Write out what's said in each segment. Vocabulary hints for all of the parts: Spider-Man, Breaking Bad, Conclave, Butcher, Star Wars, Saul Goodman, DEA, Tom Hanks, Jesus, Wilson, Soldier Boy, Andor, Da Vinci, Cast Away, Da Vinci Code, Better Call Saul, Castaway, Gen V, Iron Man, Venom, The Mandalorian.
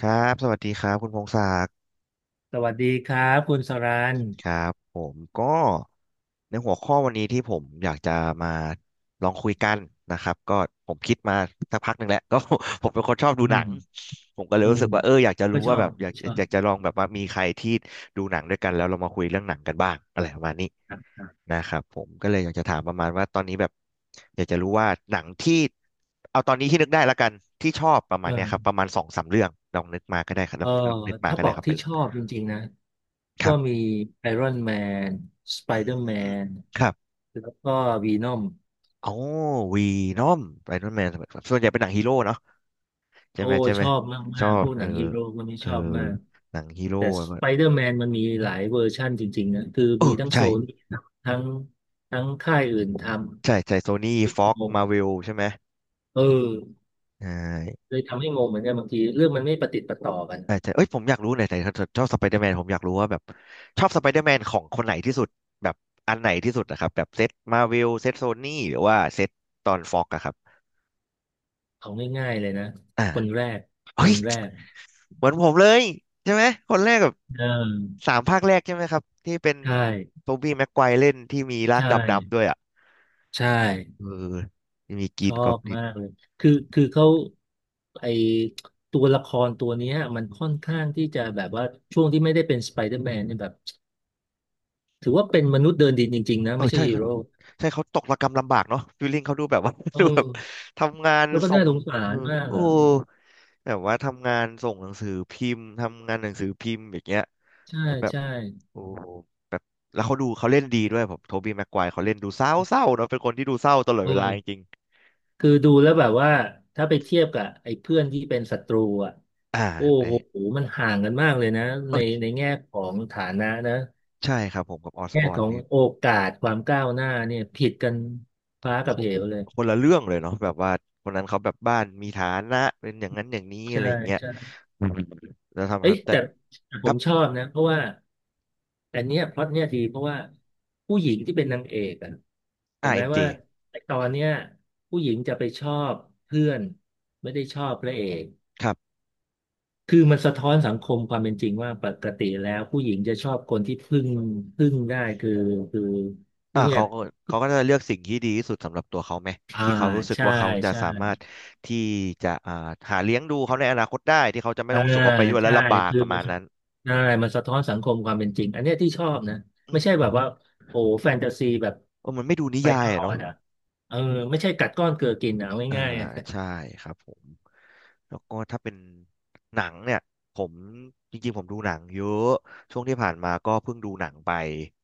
ครับสวัสดีครับคุณพงศักดิ์สวัสดีครับคุณสรันครับผมก็ในหัวข้อวันนี้ที่ผมอยากจะมาลองคุยกันนะครับก็ผมคิดมาสักพักหนึ่งแล้ว ก็ผมเป็นคนชอบอืดูหนัมงผมก็เลยอืรู้มสึกว่าอยากจะก็รู้ชอว่าบแบบอยากก็ชอบอยากจะลองแบบว่ามีใครที่ดูหนังด้วยกันแล้วเรามาคุยเรื่องหนังกันบ้างอะไรประมาณนี้ครับครับนะครับผมก็เลยอยากจะถามประมาณว่าตอนนี้แบบอยากจะรู้ว่าหนังที่เอาตอนนี้ที่นึกได้ละกันที่ชอบประมาณเนี้ยครับปเออระมาณสองสามเรื่องลองนึกมาก็ได้ครับเอแล้อวนึกมาถ้าก็บได้อกครับไปที่เลชย อบจริงๆนะคก็รับมีไอรอนแมนสไปอืเดอร์แมมนครับแล้วก็วีนอมโอ้วีนอมไอรอนแมนส่วนใหญ่เป็นหนังฮีโร่เนาะใช่โอ้ไหมใช่ชไหม อบชมาอกๆ พบวกหเอนัองฮีโร่พวกนี้เอชออบมาก หนังฮีโร่แต่แล้สวก็ไปเดอร์แมนมันมีหลายเวอร์ชั่นจริงๆนะคือเอมีอทั้งโซใช่นทั้งทั้งค่ายอื่นทใช่ำใช่โซนี่งฟ็อกงมาเวลใช่ไหมเออใช่เลยทำให้งงเหมือนกันบางทีเรื่องมันไม่ประติดประต่อกัน ใช่ใช่เอ้ยผมอยากรู้หน่อยแต่ชอบสไปเดอร์แมนผมอยากรู้ว่าแบบชอบสไปเดอร์แมนของคนไหนที่สุดแบบอันไหนที่สุดนะครับแบบเซตมาเวลเซตโซนี่หรือว่าเซตตอนฟ็อกอะครับเอาง่ายๆเลยนะอ่าคนแรกเฮ้คย นแรกเหมือนผมเลยใช่ไหมคนแรกแบบเออสามภาคแรกใช่ไหมครับที่เป็นใช่โทบี้แม็กไกวร์เล่นที่มีร่างใช่ดำๆด้วยอ่ะใช่เออมีกรีชนอกอบบลินมากเลยคือเขาไอตัวละครตัวเนี้ยมันค่อนข้างที่จะแบบว่าช่วงที่ไม่ได้เป็นสไปเดอร์แมนเนี่ยแบบถือว่าเป็นมนุษย์เดินดินจริงๆนะเออไม่ใช่ใช่ฮีเขาโร่ใช่เขาตกระกำลำบากเนาะฟีลลิ่งเขาดูแบบว่า เอดูแบบอทำงานแล้วก็ส่น่างสงสาเออรมากโอ้อ่ะเออแบบว่าทำงานส่งหนังสือพิมพ์ทำงานหนังสือพิมพ์อย่างเงี้ยใช่แล้วแบบใช่โอ้โหแบบแล้วเขาดูเขาเล่นดีด้วยผมโทบี้แม็กไกวร์เขาเล่นดูเศร้าๆเนาะเป็นคนที่ดูเศร้าตลอดเอเวลาจริอ งคือดูแล้วแบบว่าถ้าไปเทียบกับไอ้เพื่อนที่เป็นศัตรูอ่ะๆโอ้ได้ โหมันห่างกันมากเลยนะในแง่ของฐานะนะใช่ครับผมกับออสแง่บอร์ขนองนี่โอกาสความก้าวหน้าเนี่ยผิดกันฟ้าโคกับเหวเลยคนละเรื่องเลยเนาะแบบว่าคนนั้นเขาแบบบ้านมีฐานะเป็นอย่างนั้นอย่างนี้อะใช่ไรอย่างเงี้ยใช่อืมแล้วทำเอ้ครัยบแต่แต่แต่คผรัมบชอบนะเพราะว่าอันเนี้ยพล็อตเนี้ยดีเพราะว่าผู้หญิงที่เป็นนางเอกอะเห็นไหมเอ็มเจว่าตอนเนี้ยผู้หญิงจะไปชอบเพื่อนไม่ได้ชอบพระเอก ครับคือมันสะท้อนสังคมความเป็นจริงว่าปกติแล้วผู้หญิงจะชอบคนที่พึ่งได้คือผู้เนี่ยเขาก็เขาก็จะเลือกสิ่งที่ดีที่สุดสำหรับตัวเขาไหมอ่าที่เขารู้สึกใช่ว่าเขาจะใช่สามารถที่จะหาเลี้ยงดูเขาในอนาคตได้ที่เขาจะไม่อ่าต้องรู้สึกว่าไปด้วยแล้วใช่ลำบากคือประมัมานณนั้นใช่มันสะท้อนสังคมความเป็นจริงอันเนี้ยที่ชอบนะอืไม่มใช่แบบว่าโอ้แฟนตาซีแบบเออมันไม่ดูนิไปยาตยลอะอดเนาะอ่ะเออไม่ใช่กัดก้อนเกลือกินอ่ะเอาอ่าง่ายๆอะใช่ครับผม แล้วก็ถ้าเป็นหนังเนี่ยผมจริงๆผมดูหนังเยอะช่วงที่ผ่านมาก็เพิ่งดูหนังไป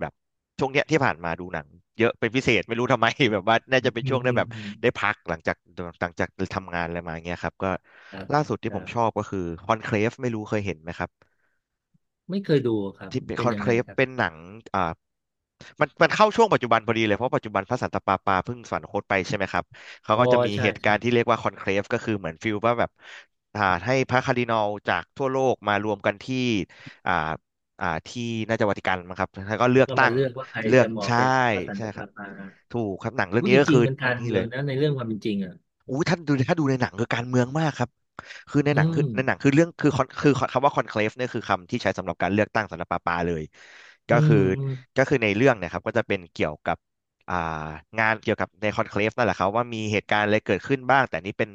แบบช่วงเนี้ยที่ผ่านมาดูหนังเยอะเป็นพิเศษไม่รู้ทำไม แบบว่าน่าอืจะมเป็นอืช่วมงได้แบบอืมได้พักหลังจากทำงานอะไรมาเงี้ยครับก็ครับล่าสุดคที่ผรัมชอบบก็คือคอนเคลฟไม่รู้เคยเห็นไหมครับไม่เคยดูครับที่เป็นเป็คนอนยังเคลไงฟครับเป็นหนังอ่า มันมันเข้าช่วงปัจจุบันพอดีเลยเพราะปัจจุบันพระสันตะปาปาเพิ่งสวรรคตไปใช่ไหมครับเขาอ๋อก็จะมีใช่เหตุกาใช่รณ์ที่เรียกว่าคอนเคลฟก็คือเหมือนฟิลว่าแบบให้พระคาร์ดินัลจากทั่วโลกมารวมกันที่อ่าที่น่าจะวาติกันมั้งครับแล้วก็เลืแล้อวกก็ตั้มางเลือกว่าใครเลือจะกเหมาะใช่เป็นพระสันใช่ตะครัปาบปา ถูกครับหนังเรื่องรู้นี้จก็ริคืงอๆมันการนี่เมืเลองย นะในเรื่องความเป็นจริงอ่ะอู้ถ้าดูถ้าดูในหนังคือการเมืองมากครับคือในอืหนังคือมในหนังคือเรื่องคือคอนคือคำว่าคอนเคลฟเนี่ยคือคำที่ใช้สำหรับการเลือกตั้งสำหรับปาปาเลยก็อืมคืออืมก็คือในเรื่องเนะครับก็จะเป็นเกี่ยวกับอ่างานเกี่ยวกับในคอนเคลฟนั่นแหละครับว่ามีเหตุการณ์อะไรเกิดขึ้นบ้างแต่นี่เป็น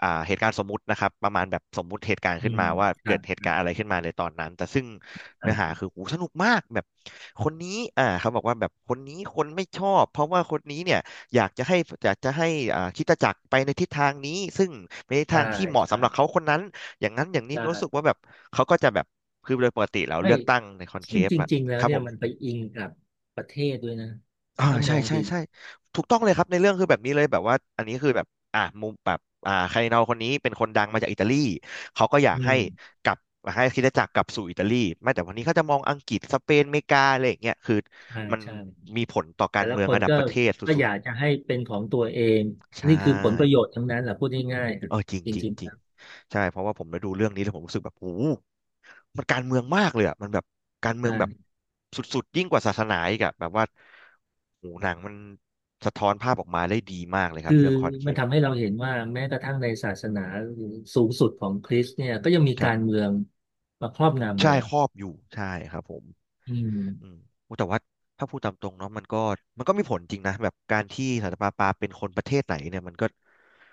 เหตุการณ์สมมุตินะครับประมาณแบบสมมุติเหตุการณ์อืขึ้นมมาว่าคเกิรัดบเหตุการณ์อะไรขึ้นมาในตอนนั้นแต่ซึ่งครัเนื้อหาบคือโอ้สนุกมากแบบคนนี้เขาบอกว่าแบบคนนี้คนไม่ชอบเพราะว่าคนนี้เนี่ย อยากจะให้อยากจะให้คริสตจักรไปในทิศทางนี้ซึ่งเป็นทิศใช่ทางที่เหมาะใช่สำหรับเขาคนนั้นอย่างนั้นอย่างใชนี้รู้สึกว่า่แบบเขาก็จะแบบคือโดยปกติแล้วเลืไม่อกตั้งในคอนเคซึ่งฟจอะริงๆแล้ควรับผเนี่ยมันมไปอิงกับประเทศด้วยนะถ้ามใช่องใช่ดีใช่ถูกต้องเลยครับในเรื่องคือแบบนี้เลยแบบว่าอันนี้คือแบบมุมแบบคาร์ดินัลคนนี้เป็นคนดังมาจากอิตาลีเขาก็อยากอืให้มกลับให้คริสตจักรกลับสู่อิตาลีไม่แต่วันนี้เขาจะมองอังกฤษสเปนอเมริกาอะไรอย่างเงี้ยคือใช่มันใช่มีผลต่อกาแต่รละเมือคงนระดับก็ประเทศก็สุอดยากจะให้เป็นของตัวเอง ๆใช่ นี่คือผลประโยชน์ทั้งนั้นแหละพูดง่ายเออจริงๆจจริงริงจๆคริงรับใช่เพราะว่าผมได้ดูเรื่องนี้แล้วผมรู้สึกแบบโอ้โหมันการเมืองมากเลยอ่ะมันแบบการเมืองแบบใช่สุดๆยิ่งกว่าศาสนาอีกอะแบบว่าโอ้โหหนังมันสะท้อนภาพออกมาได้ดีมากเลยครัคืบอเรื่องคอนเคมันทำปให้เราเห็นว่าแม้กระทั่งในศาสนาสูงสุดของคริสต์เนี่ยก็ยังมีครัการบเมืองมาครอบงำใช่เลยคอ่ะรอบอยู่ใช่ครับผมอือืมม โอ้แต่ว่าถ้าพูดตามตรงเนาะมันก็มันก็มีผลจริงนะแบบการที่สันตะปาปาเป็นคนประเทศไหนเนี่ยมันก็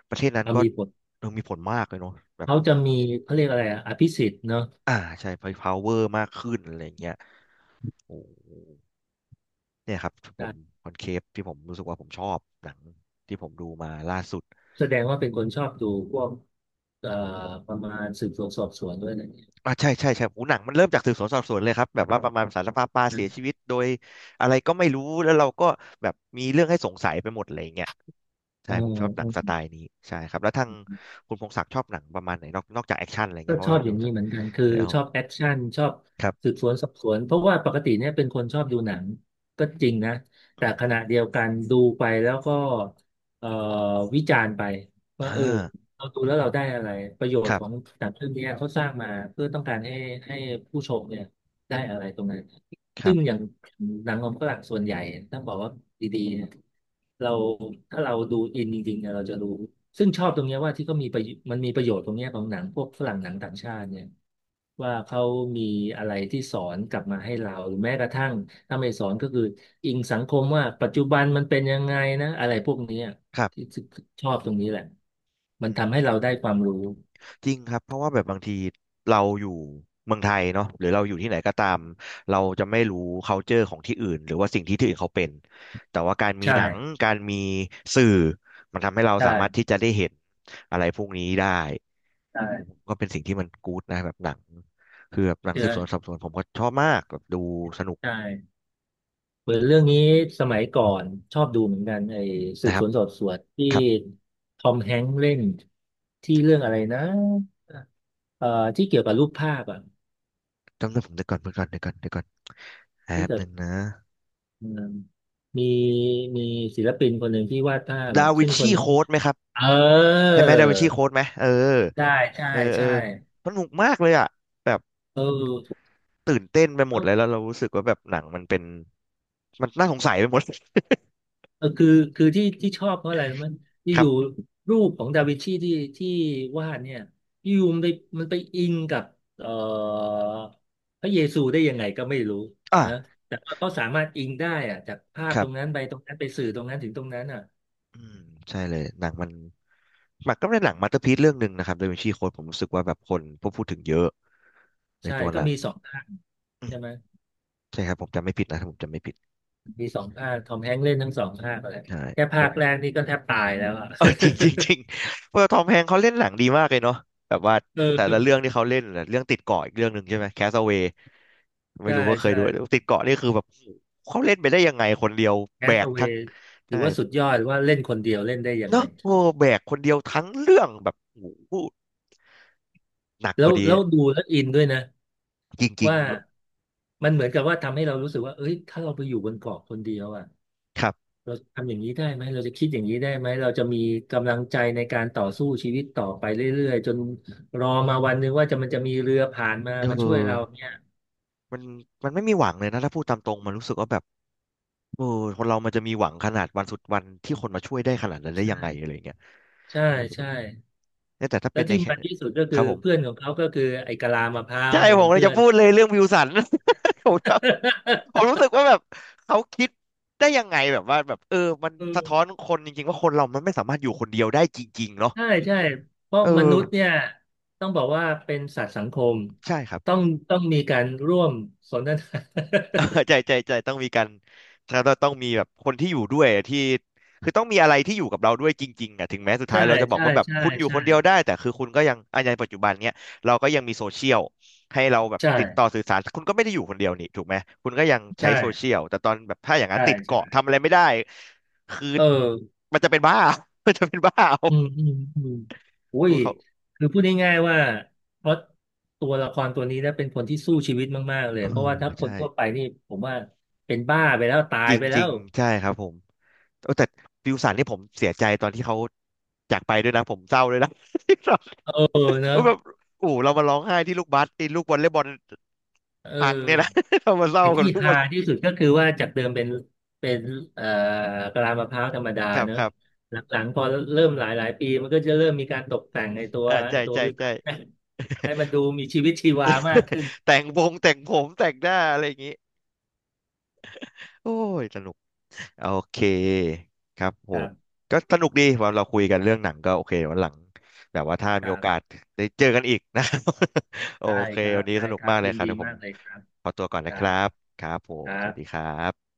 ประเทศนั้นเอาก็มีบทเออมีผลมากเลยเนาะแบบเขาจะมีเขาเรียกอะไรอะอภิสิทธิ์เนาะอ่าใช่ power มากขึ้นอะไรอย่างเงี้ยโอ้ เนี่ยครับผมคอนเคฟที่ผมรู้สึกว่าผมชอบหนังที่ผมดูมาล่าสุดแสดงว่าเป็นคนชอบดูพวกเอ่อประมาณสืบสวนสอบสวนด้วยอะไรอย่างเงี้ยอ่ะใช่ใช่ใช่โอ้หนังมันเริ่มจากสืบสวนสอบสวนเลยครับแบบว่าประมาณสารภาพปลาเสีนะยชีวิตโดยอะไรก็ไม่รู้แล้วเราก็แบบมีเรื่องให้สงสัยไปหมดอะไรอย่างเงี้ยเใช่ผมชอบหนังสออไตล์นี้ใช่ครับแล้วทางคุณพงศักดิ์ชอบหนังประมาณไหนนอกจากแอคชั่นอะไรก็เงี้ยเพชราะอว่าบอดูย่างนี้จากเหมือนกันคือเออชอบแอคชั่นชอบครัสืบบสวนสอบสวนเพราะว่าปกติเนี่ยเป็นคนชอบดูหนังก็จริงนะอแต่มขณะเดียวกันดูไปแล้วก็เอ่อวิจารณ์ไปว่าอ่เออาเราดูแล้วเราได้อะไรประโยคชน์รัของบหนังเรื่องนี้เขาสร้างมาเพื่อต้องการให้ผู้ชมเนี่ยได้อะไรตรงนั้น คซึ่รังอบย่างหนังของฝรั่งส่วนใหญ่ต้องบอกว่าดีๆเนี่ยเราถ้าเราดูอินจริงๆเนี่ยเราจะรู้ซึ่งชอบตรงเนี้ยว่าที่เขามีประโยชน์มันมีประโยชน์ตรงเนี้ยของหนังพวกฝรั่งหนังต่างชาติเนี่ยว่าเขามีอะไรที่สอนกลับมาให้เราหรือแม้กระทั่งถ้าไม่สอนก็คืออิงสังคมว่าปัจจุบันมันเป็นยังไงนะอะไรพวกเนี้ยครัที่บชอบตรงนี้แหละมัอืนทำให้เราได้ม ความรู้จริงครับเพราะว่าแบบบางทีเราอยู่เมืองไทยเนาะหรือเราอยู่ที่ไหนก็ตามเราจะไม่รู้ culture ของที่อื่นหรือว่าสิ่งที่ที่อื่นเขาเป็นแต่ว่าการมีหนังใช่การมีสื่อมันทำให้เราสามารถใช่ที่จะได้เห็นอะไรพวกนี้ได้ใช่ก็เป็นสิ่งที่มันกู๊ดนะแบบหนังคือแบบหนังเจสืบอสวนสอบสวนผมก็ชอบมากแบบดูสนุกใช่ เหมือนเรื่องนี้สมัยก่อนชอบดูเหมือนกันไอ้สืนะบคสรับวนสอบสวนที่ครับทอมแฮงค์เล่นที่เรื่องอะไรนะที่เกี่ยวกับรูปภาพอ่ะจำได้ผมเดี๋ยวก่อนเดี๋ยวก่อนเดี๋ยวก่อนเดี๋ยวก่อนแป๊ที่บแบหบนึ่งนะเอิ่มมีมีศิลปินคนหนึ่งที่วาดภาพอ่ะดาวิซึ่นงคชีนนี้โค้ดไหมครับเออใช่ไหมดาวินชีโค้ดไหมเออ ใช่ใช่เออเอใช่อสนุกมากเลยอ่ะแบบเออ ตื่นเต้นไปหมดเลยแล้วเรารู้สึกว่าแบบหนังมันเป็นมันน่าสงสัยไปหมด เออคือที่ชอบเพราะอะไรรู้ไหมัน คอรัยู่บๆรูปของดาวินชีที่วาดเนี่ยอยู่ๆมันไปอิงกับเอ่อพระเยซูได้ยังไงก็ไม่รู้อ่านะแต่ว่าเขาสามารถอิงได้อะจากภาพครัตรงบนั้นไปตรงนั้นไปสื่อตรงนั้นถึงตรงนั้นอ่ะอืมใช่เลยหนังมันมันก็เป็นหนังมาสเตอร์พีซเรื่องหนึ่งนะครับโดยวินชีโค้ดผมรู้สึกว่าแบบคนพวกพูดถึงเยอะในใช่ตัวก็หนังมีสองภาคอืมใช่ไหมใช่ครับผมจำไม่ผิดนะถ้าผมจำไม่ผิดมีสองภาคทอมแฮงค์เล่นทั้งสองภาคอะไรใช่แค่แบภาบคแรกนี่ก็แทบตายแล้วอ่ะ เออ จริงจริง จริงเพราะทอมแฮงค์เขาเล่นหนังดีมากเลยเนาะแบบว่าเแต่ละเรื่ออองที่เขาเล่นน่ะเรื่องติดเกาะอีกเรื่องหนึ่งใช่ไหมแคสเว ไม่ใช่รู้ว่าเคยใช่ดูติดเกาะนี่คือแบบเขาเล่นไปได้ยังไงคนเดียวแคแบสกเวทั้งย์ถืใช่อว่าสุดยอดว่าเล่นคนเดียวเล่นได้ยังเนไงอะโอ้แบกคนเดียวทั้งเรื่องแบบโอ้โหหนักพแล้อวดีแล้วดูแล้วอินด้วยนะ จริงว่าๆแบบมันเหมือนกับว่าทำให้เรารู้สึกว่าเอ้ยถ้าเราไปอยู่บนเกาะคนเดียวอ่ะครับเราทำอย่างนี้ได้ไหมเราจะคิดอย่างนี้ได้ไหมเราจะมีกำลังใจในการต่อสู้ชีวิตต่อไปเรื่อยๆจนรอมาวันหนึ่งว่าจะมันจะมีเรือผ่านมามาเออช่วยเราเนี่ยมันมันไม่มีหวังเลยนะถ้าพูดตามตรงมันรู้สึกว่าแบบเออคนเรามันจะมีหวังขนาดวันสุดวันที่คนมาช่วยได้ขนาดนั้นได้ยังไงใช่อะไรเงี้ยใช่ใช่เนี่ยแต่ถ้าแล้เป็วนในที่แค่มันที่สุดก็คคือรับผม เพื่อนของเขาก็คือไอ้กะลามะพร้าวใช่ เนี่ยผเป็มนเลยเพื่อจะน พูดเลยเรื่องวิลสัน ผมแบบผมรู้สึกว่าแบบเขาคิดได้ยังไงแบบว่าแบบเออมัน อืสะม ท้อนคนจริงๆว่าคนเรามันไม่สามารถอยู่คนเดียวได้จริงๆเนาะใช่ใช่เพราะเอมอนุษย์เนี่ยต้องบอกว่าเป็นสัตว์สังคมใช่ครับ ต้องต้องมีการร่วมสนทนา ใจใจใจต้องมีการแล้วเราต้องมีแบบคนที่อยู่ด้วยที่คือต้องมีอะไรที่อยู่กับเราด้วยจริงๆอ่ะถึงแม้สุด ท้าใช่ยเราจะบอกใช่ว่าแบบใช่คุณอยู่คใช่นเดียวได้แต่คือคุณก็ยังอันยังปัจจุบันเนี้ยเราก็ยังมีโซเชียลให้เราแบบใช่ติดต่อสื่อสารคุณก็ไม่ได้อยู่คนเดียวนี่ถูกไหมคุณก็ยังใช้ใช่โซเชียลแต่ตอนแบบถ้าอย่างนั้นใช่ติดเกาะใช่ทำอะไรไม่ได้คือเออมันจะเป็นบ้า มันจะเป็นบ้าเอาอืมอืมอืมอุ้เอยอเขา คือพูดง่ายๆว่าเพราะตัวละครตัวนี้นะเป็นคนที่สู้ชีวิตมากๆเล ยเอเพราะว่าถ้าอคนใช่ ทั่วไปนี่ผมว่าเป็นบ้าไปแล้วตาจยไปแล้ริงวๆใช่ครับผมโอ้แต่ฟิวสันนี่ผมเสียใจตอนที่เขาจากไปด้วยนะผมเศร้าเลยนะ ที่เราเออเนอะแบบโอ้โหเรามาร้องไห้ที่ลูกบาสที่ลูกวอลเลย์บอลเอพังเนี่ยนะ อ เรามาเศร้าไอ้กับที่ลูกวอฮาลเลย์ที่สุดก็คือว่าจากเดิมเป็นเอ่อกะลามะพร้าวธรรมดาครับเนอะครับหลังๆพอเริ่มหลายหลายปีมันก็จะเริ่มมีการตกแต่งไอ้ตัวอ่าไอ้ใช่ตัวใช่วิวใช่ให้ให้มันดูมีชีวิตชีวามากขึ้นแต่งวงแต่งผมแต่งหน้าอะไรอย่างงี้โอ้ยสนุก โอเคครับผครัมบก็สนุกดีว่าเราคุยกันเรื่องหนังก็โอเควันหลังแบบว่าถ้าคมีรัโอกาสบได้เจอกันอีกนะ โอได้เคครัวับนนี้สได้นุกครับมากเลยยินครับดีเดี๋ยวผมมากเลยครับขอตัวก่อนคนะครัรับบครับผคมสรับวัสดีครับ